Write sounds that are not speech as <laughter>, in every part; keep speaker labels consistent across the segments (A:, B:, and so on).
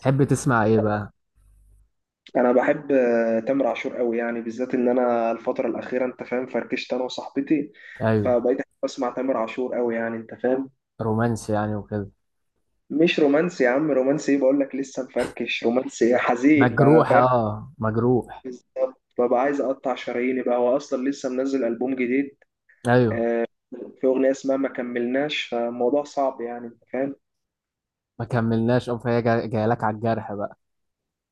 A: تحب تسمع ايه بقى؟
B: انا بحب تامر عاشور قوي، يعني بالذات ان انا الفتره الاخيره انت فاهم، فركشت انا وصاحبتي،
A: ايوه،
B: فبقيت أحب اسمع تامر عاشور قوي يعني انت فاهم.
A: رومانسي يعني وكده.
B: مش رومانسي يا عم، رومانسي ايه؟ بقول لك لسه مفركش. رومانسي إيه؟ حزين بقى
A: مجروح،
B: فاهم.
A: اه مجروح.
B: بالظبط، ببقى عايز اقطع شراييني بقى. هو اصلا لسه منزل البوم جديد.
A: ايوه،
B: آه، في اغنيه اسمها ما كملناش، فالموضوع صعب يعني انت فاهم.
A: ما كملناش اه. فهي جايه لك على الجرح بقى.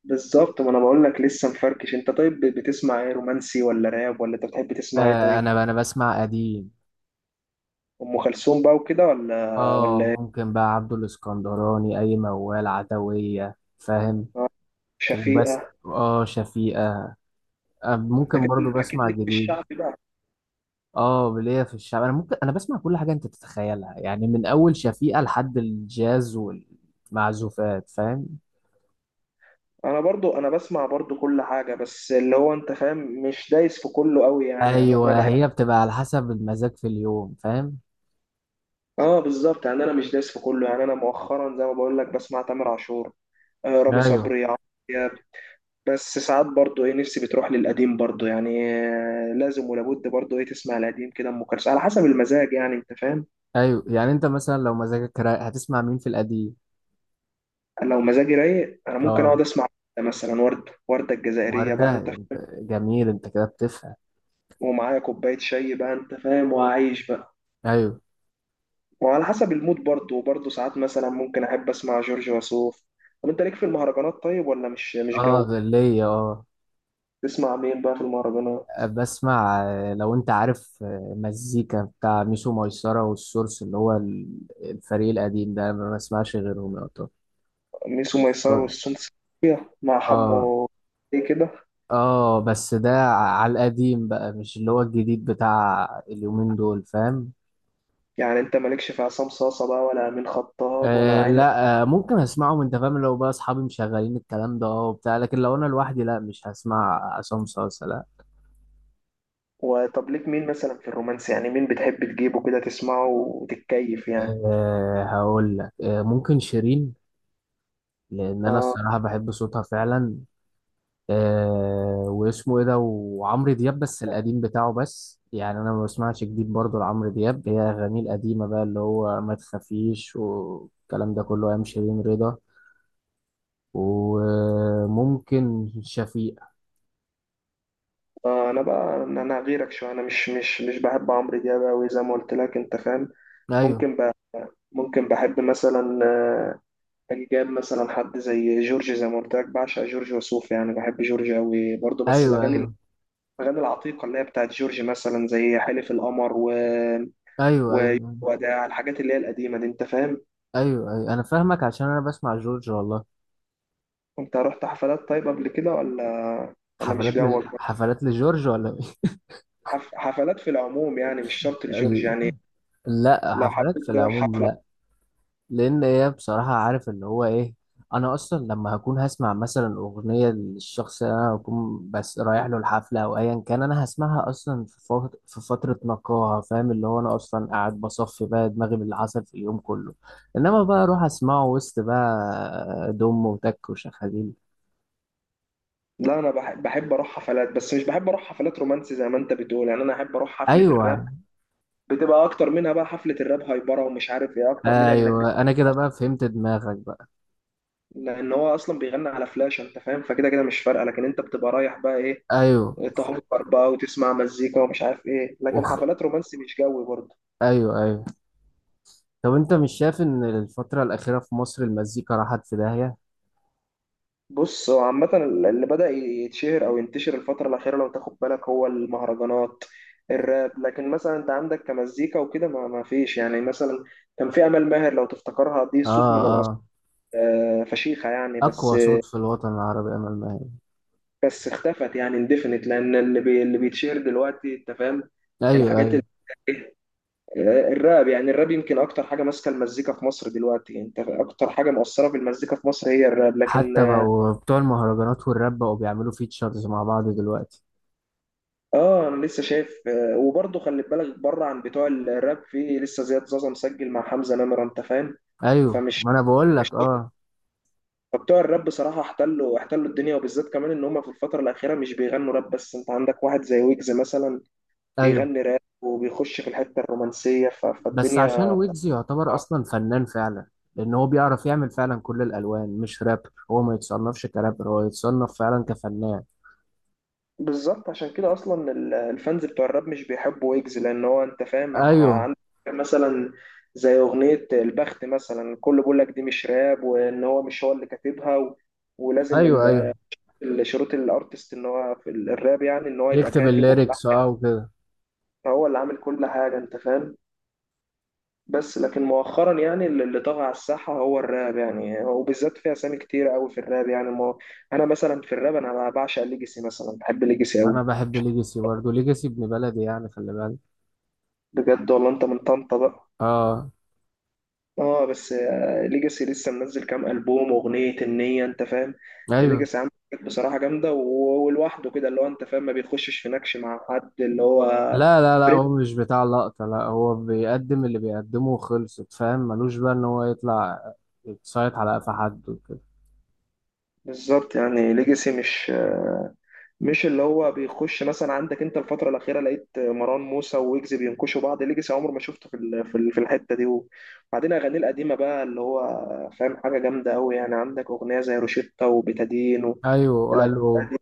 B: بالظبط، ما انا بقول لك لسه مفركش. انت طيب بتسمع ايه؟ رومانسي ولا راب، ولا انت بتحب تسمع ايه
A: آه،
B: طيب؟
A: انا بسمع قديم.
B: ام كلثوم بقى وكده ولا
A: اه،
B: ولا
A: ممكن بقى عبد الاسكندراني، اي موال عدوية فاهم. وبس
B: شفيقة؟
A: اه، شفيقة. آه،
B: انت
A: ممكن
B: كده
A: برضو
B: اكيد
A: بسمع
B: ليك في
A: جديد.
B: الشعب بقى.
A: اه، ليا في الشعب، انا ممكن انا بسمع كل حاجه انت تتخيلها يعني، من اول شفيقة لحد الجاز والمعزوفات فاهم.
B: انا برضو، انا بسمع برضو كل حاجة، بس اللي هو انت فاهم مش دايس في كله قوي يعني. يعني انا
A: ايوه،
B: بحب،
A: هي بتبقى على حسب المزاج في اليوم فاهم.
B: اه بالظبط يعني انا مش دايس في كله. يعني انا مؤخرا زي ما بقول لك بسمع تامر عاشور، آه، رامي
A: ايوه
B: صبري، عمرو دياب. بس ساعات برضو ايه، نفسي بتروح للقديم برضو يعني. آه، لازم ولابد برضو ايه تسمع القديم كده، ام كلثوم، على حسب المزاج يعني انت فاهم.
A: ايوه. يعني انت مثلا لو مزاجك رايق هتسمع مين في القديم؟
B: لو مزاجي رايق انا ممكن اقعد
A: اه
B: اسمع مثلا وردة، وردة الجزائرية بقى
A: وردة،
B: انت
A: انت
B: فاهم،
A: جميل انت كده بتفهم.
B: ومعايا كوباية شاي بقى انت فاهم، وعايش بقى.
A: ايوه.
B: وعلى حسب المود برضه، وبرضه ساعات مثلا ممكن أحب أسمع جورج وسوف. طب أنت ليك في المهرجانات طيب ولا مش
A: اه
B: جو؟
A: غلية اه.
B: تسمع مين بقى في المهرجانات؟
A: بسمع لو انت عارف مزيكا بتاع ميسو ميسرة والسورس اللي هو الفريق القديم ده، ما بسمعش غيرهم يا طب.
B: ميسو ميسرة والسون سيكية مع
A: اه.
B: حمو، إيه كده؟
A: اه بس ده على القديم بقى، مش اللي هو الجديد بتاع اليومين دول فاهم.
B: يعني أنت مالكش في عصام صاصة بقى، ولا أمين خطاب، ولا
A: أه
B: عنب؟
A: لا، أه ممكن اسمعهم انت فاهم، لو بقى اصحابي مشغلين الكلام ده اه وبتاع، لكن لو انا لوحدي لا، مش هسمع عصام صاصا لا.
B: وطب ليك مين مثلا في الرومانس؟ يعني مين بتحب تجيبه كده تسمعه وتتكيف يعني؟
A: أه هقول لك، أه ممكن شيرين، لان انا
B: آه،
A: الصراحه بحب صوتها فعلا. أه واسمه ايه ده، وعمرو دياب بس القديم بتاعه بس، يعني انا ما بسمعش جديد برضه لعمرو دياب، هي اغانيه القديمه بقى اللي هو ما تخافيش والكلام ده كله، ايام شيرين رضا. وممكن شفيق.
B: أنا بقى أنا غيرك شوية، أنا مش بحب عمرو دياب أوي زي ما قلت لك أنت فاهم؟
A: ايوه
B: ممكن بقى، ممكن بحب مثلا، كان جاب مثلا حد زي جورج. زي ما قلت لك بعشق جورج وسوف، يعني بحب جورج قوي برضه، بس
A: ايوه
B: الاغاني،
A: ايوه
B: الاغاني العتيقه اللي هي بتاعت جورج، مثلا زي حلف القمر
A: ايوه ايوه
B: وداع، الحاجات اللي هي القديمه دي انت فاهم.
A: ايوه. ايوه انا فاهمك، عشان انا بسمع جورج والله.
B: انت رحت حفلات طيب قبل كده ولا؟ ولا مش جوك؟
A: حفلات لجورج ولا إيه؟
B: حفلات في العموم يعني، مش
A: <laughs>
B: شرط لجورج
A: ال-
B: يعني.
A: لا،
B: لو
A: حفلات
B: حبيت
A: في
B: تروح
A: العموم
B: حفله.
A: لا. لان هي بصراحه عارف اللي هو ايه، انا اصلا لما هكون هسمع مثلا اغنيه للشخص اللي انا هكون بس رايح له الحفله او ايا كان، انا هسمعها اصلا في فتره نقاهه فاهم، اللي هو انا اصلا قاعد بصفي بقى دماغي باللي حصل في اليوم كله. انما بقى اروح اسمعه وسط بقى دم وتك وشخاليل.
B: لا انا بحب، بحب اروح حفلات، بس مش بحب اروح حفلات رومانسي زي ما انت بتقول. يعني انا احب اروح حفله الراب،
A: ايوه
B: بتبقى اكتر منها بقى. حفله الراب هايبره ومش عارف ايه اكتر منها، انك
A: ايوه، انا كده بقى فهمت دماغك.
B: لان هو اصلا بيغني على فلاش انت فاهم، فكده كده مش فارقه. لكن انت بتبقى رايح بقى ايه،
A: ايوه
B: تهايبر بقى وتسمع مزيكا ومش عارف ايه. لكن
A: وخ...
B: حفلات رومانسي مش جوي برضه.
A: ايوه ايوه. طب انت مش شايف ان الفترة الأخيرة في مصر المزيكا راحت في داهية؟
B: بص هو عامه، اللي بدا يتشهر او ينتشر الفتره الاخيره لو تاخد بالك هو المهرجانات، الراب. لكن مثلا انت عندك كمزيكا وكده ما فيش يعني. مثلا كان في امل ماهر لو تفتكرها، دي
A: اه
B: صوت من الاصل،
A: اه.
B: فشيخه يعني. بس،
A: اقوى صوت في الوطن العربي امل ماهر.
B: بس اختفت يعني، اندفنت، لان اللي اللي بيتشهر دلوقتي انت فاهم
A: ايوه
B: الحاجات،
A: ايوه.
B: الراب. يعني الراب يمكن اكتر حاجه ماسكه المزيكا في مصر دلوقتي، يعني انت اكتر حاجه مؤثره في المزيكا في مصر هي الراب. لكن
A: حتى بقوا بتوع المهرجانات والراب بقوا بيعملوا فيتشرز مع بعض دلوقتي.
B: اه انا لسه شايف وبرضه خلي بالك بره عن بتوع الراب، في لسه زياد زازا مسجل مع حمزه نمره انت فاهم.
A: ايوه
B: فمش
A: ما انا بقول
B: مش
A: لك اه.
B: فبتوع الراب بصراحه احتلوا، احتلوا الدنيا، وبالذات كمان ان هم في الفتره الاخيره مش بيغنوا راب بس. انت عندك واحد زي ويجز مثلا،
A: ايوه
B: بيغني راب وبيخش في الحته الرومانسيه،
A: بس عشان
B: فالدنيا.
A: ويجز يعتبر اصلا فنان فعلا، لان هو بيعرف يعمل فعلا كل الالوان مش راب، هو ما يتصنفش كرابر، هو يتصنف فعلا كفنان.
B: بالظبط، عشان كده اصلا الفانز بتوع الراب مش بيحبوا ويجز، لان هو انت فاهم
A: ايوه
B: عندك مثلا، زي اغنيه البخت مثلا، الكل بيقول لك دي مش راب، وان هو مش هو اللي كاتبها و... ولازم
A: ايوه. ايوه
B: شروط الارتست ان هو في الراب يعني ان هو يبقى
A: يكتب
B: كاتب
A: الليركس
B: وملحن،
A: اه وكده.
B: فهو اللي عامل كل حاجه انت فاهم. بس لكن مؤخرا يعني اللي طغى على الساحه هو الراب يعني، وبالذات في اسامي كتير قوي في الراب يعني. ما انا مثلا في الراب، انا بعشق ليجاسي مثلا، بحب ليجاسي قوي.
A: انا بحب ليجاسي برضه، ليجاسي ابن بلدي يعني خلي بالك.
B: بجد والله؟ انت من طنطا بقى؟
A: اه.
B: اه بس ليجاسي لسه منزل كام ألبوم، أغنية النية أنت فاهم.
A: ايوه.
B: ليجاسي عامل حاجات بصراحة جامدة، ولوحده كده اللي هو أنت فاهم، ما بيخشش في نكش مع حد اللي هو
A: لا لا لا،
B: بريك.
A: هو مش بتاع لقطة، لا هو بيقدم اللي بيقدمه وخلصت فاهم، ملوش بقى ان هو يطلع يتصايد على قفا حد وكده.
B: بالظبط، يعني ليجاسي مش مش اللي هو بيخش. مثلا عندك انت الفترة الأخيرة لقيت مروان موسى ويجز بينكشوا بعض، ليجاسي عمر ما شفته في في الحتة دي. وبعدين أغانيه القديمة بقى اللي هو فاهم، حاجة جامدة أوي يعني. عندك أغنية زي روشيتا وبتادين
A: ايوه
B: والأغاني
A: قالوا.
B: القديمة،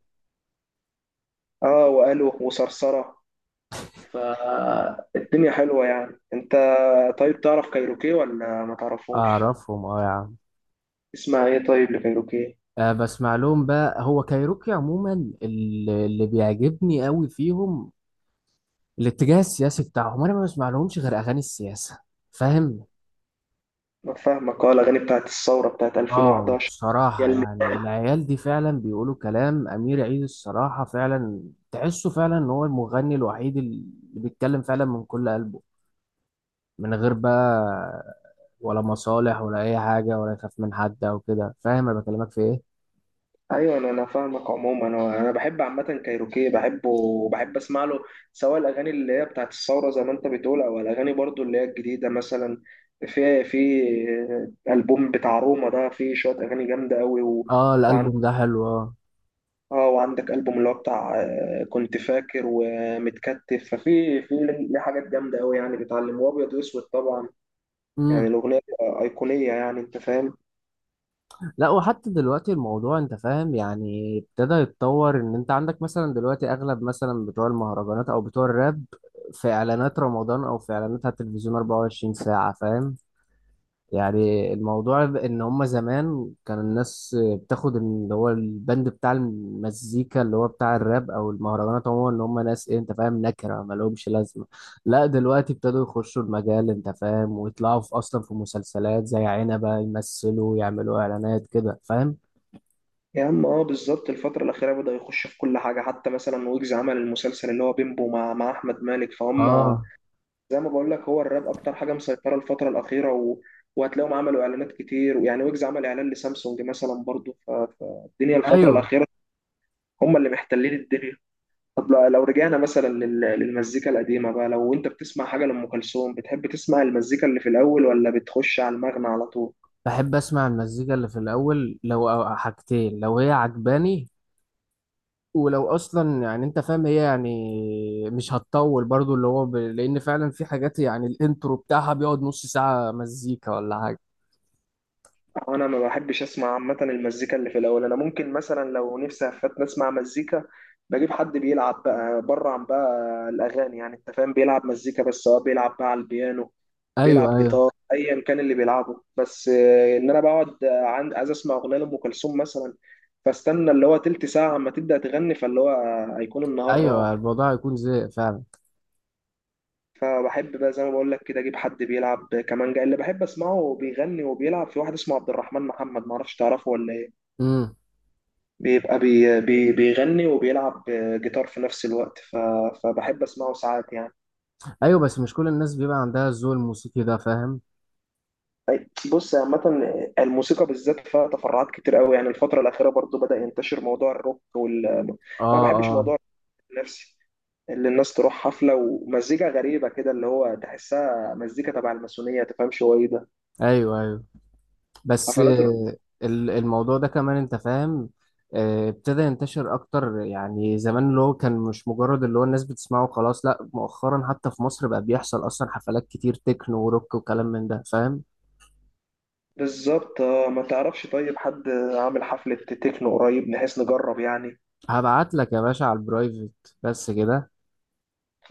B: اه وقالوا وصرصرة، فالدنيا حلوة يعني انت. طيب تعرف كايروكي ولا ما تعرفهمش؟
A: اعرفهم اه يا عم.
B: اسمع ايه طيب لكايروكي؟
A: آه بسمع لهم بقى، هو كايروكي عموما اللي بيعجبني قوي فيهم الاتجاه السياسي بتاعهم، انا ما بسمع لهمش غير اغاني السياسة فاهم.
B: ما فاهمك، اه الاغاني بتاعت الثورة، بتاعت
A: اه
B: 2011. يا
A: بصراحة،
B: الم...
A: يعني العيال دي فعلا بيقولوا كلام، أمير عيد الصراحة فعلا تحسه فعلا إن هو المغني الوحيد اللي بيتكلم فعلا من كل قلبه، من غير بقى ولا مصالح ولا أي حاجة ولا يخاف من حد أو كده فاهم، أنا بكلمك في إيه؟
B: ايوه، انا انا فاهمك عموما، انا انا بحب عامة كايروكي، بحبه وبحب اسمع له، سواء الاغاني اللي هي بتاعت الثورة زي ما انت بتقول، او الاغاني برضو اللي هي الجديدة مثلا. في البوم بتاع روما ده، فيه شوية اغاني جامدة قوي و...
A: اه الألبوم ده حلو اه.
B: اه، وعندك ألبوم اللي هو بتاع، كنت فاكر، ومتكتف، في ليه حاجات جامدة أوي يعني، بيتعلم، وأبيض وأسود طبعا، يعني
A: امم.
B: الأغنية أيقونية يعني أنت فاهم.
A: لا وحتى دلوقتي الموضوع انت فاهم، يعني ابتدى يتطور ان انت عندك مثلا دلوقتي، اغلب مثلا بتوع المهرجانات او بتوع الراب في اعلانات رمضان او في اعلانات على التلفزيون 24 ساعة فاهم. يعني الموضوع ان هما زمان كان الناس بتاخد اللي هو البند بتاع المزيكا اللي هو بتاع الراب او المهرجانات عموما، ان هما ناس ايه انت فاهم، نكره ما لهمش لازمه. لا دلوقتي ابتدوا يخشوا المجال انت فاهم، ويطلعوا في اصلا في مسلسلات زي عنبه يمثلوا، يعملوا اعلانات كده فاهم.
B: يا عم اه بالظبط، الفترة الأخيرة بدأ يخش في كل حاجة، حتى مثلا ويجز عمل المسلسل اللي هو بيمبو مع أحمد مالك فهم.
A: اه.
B: زي ما بقول لك هو الراب أكتر حاجة مسيطرة الفترة الأخيرة و... وهتلاقيهم عملوا إعلانات كتير، ويعني ويجز عمل إعلان لسامسونج مثلا برضه، فالدنيا الفترة
A: ايوه
B: الأخيرة هم اللي محتلين الدنيا. طب لو رجعنا مثلا للمزيكا القديمة بقى، لو انت بتسمع حاجة لأم كلثوم، بتحب تسمع المزيكا اللي في الأول ولا بتخش على المغنى على طول؟
A: بحب اسمع المزيكا اللي في الاول، لو أو حاجتين لو هي عجباني، ولو اصلا يعني انت فاهم هي يعني مش هتطول برضو اللي هو لان فعلا في حاجات يعني الانترو بتاعها بيقعد نص ساعة مزيكا ولا حاجة.
B: أنا ما بحبش أسمع عامة المزيكا اللي في الأول. أنا ممكن مثلا لو نفسي أفتن أسمع مزيكا، بجيب حد بيلعب بقى بره عن بقى الأغاني، يعني أنت فاهم، بيلعب مزيكا بس، سواء بيلعب بقى على البيانو،
A: ايوه
B: بيلعب
A: ايوه.
B: جيتار، أيا كان اللي بيلعبه. بس إن أنا بقعد عند عايز أسمع أغنية لأم كلثوم مثلا، فاستنى اللي هو تلت ساعة أما تبدأ تغني، فاللي هو هيكون النهار
A: ايوه
B: راح.
A: الموضوع هيكون زي فعلا.
B: فبحب بقى زي ما بقول لك كده اجيب حد بيلعب كمانجا اللي بحب اسمعه، وبيغني وبيلعب. في واحد اسمه عبد الرحمن محمد، ما اعرفش تعرفه ولا ايه،
A: امم.
B: بيبقى بي بي بيغني وبيلعب جيتار في نفس الوقت، فبحب اسمعه ساعات يعني.
A: ايوه بس مش كل الناس بيبقى عندها الذوق الموسيقي ده فاهم.
B: بص عامة الموسيقى بالذات فيها تفرعات كتير قوي يعني. الفترة الأخيرة برضو بدأ ينتشر موضوع الروك، وال أنا
A: اه
B: ما بحبش
A: اه.
B: موضوع النفسي اللي الناس تروح حفلة ومزيكا غريبة كده، اللي هو تحسها مزيكا تبع الماسونية، تفهمش هو ايه ده.
A: ايوه ايوه. بس
B: حفلات،
A: الموضوع ده كمان انت فاهم، ابتدى ينتشر اكتر، يعني زمان اللي هو كان مش مجرد اللي هو الناس بتسمعه خلاص، لا مؤخرا حتى في مصر بقى بيحصل اصلا حفلات كتير تكنو وروك وكلام من ده فاهم.
B: بالظبط ما تعرفش طيب حد عامل حفلة تكنو قريب، نحيث نجرب يعني؟
A: هبعت لك يا باشا على البرايفت. بس كده.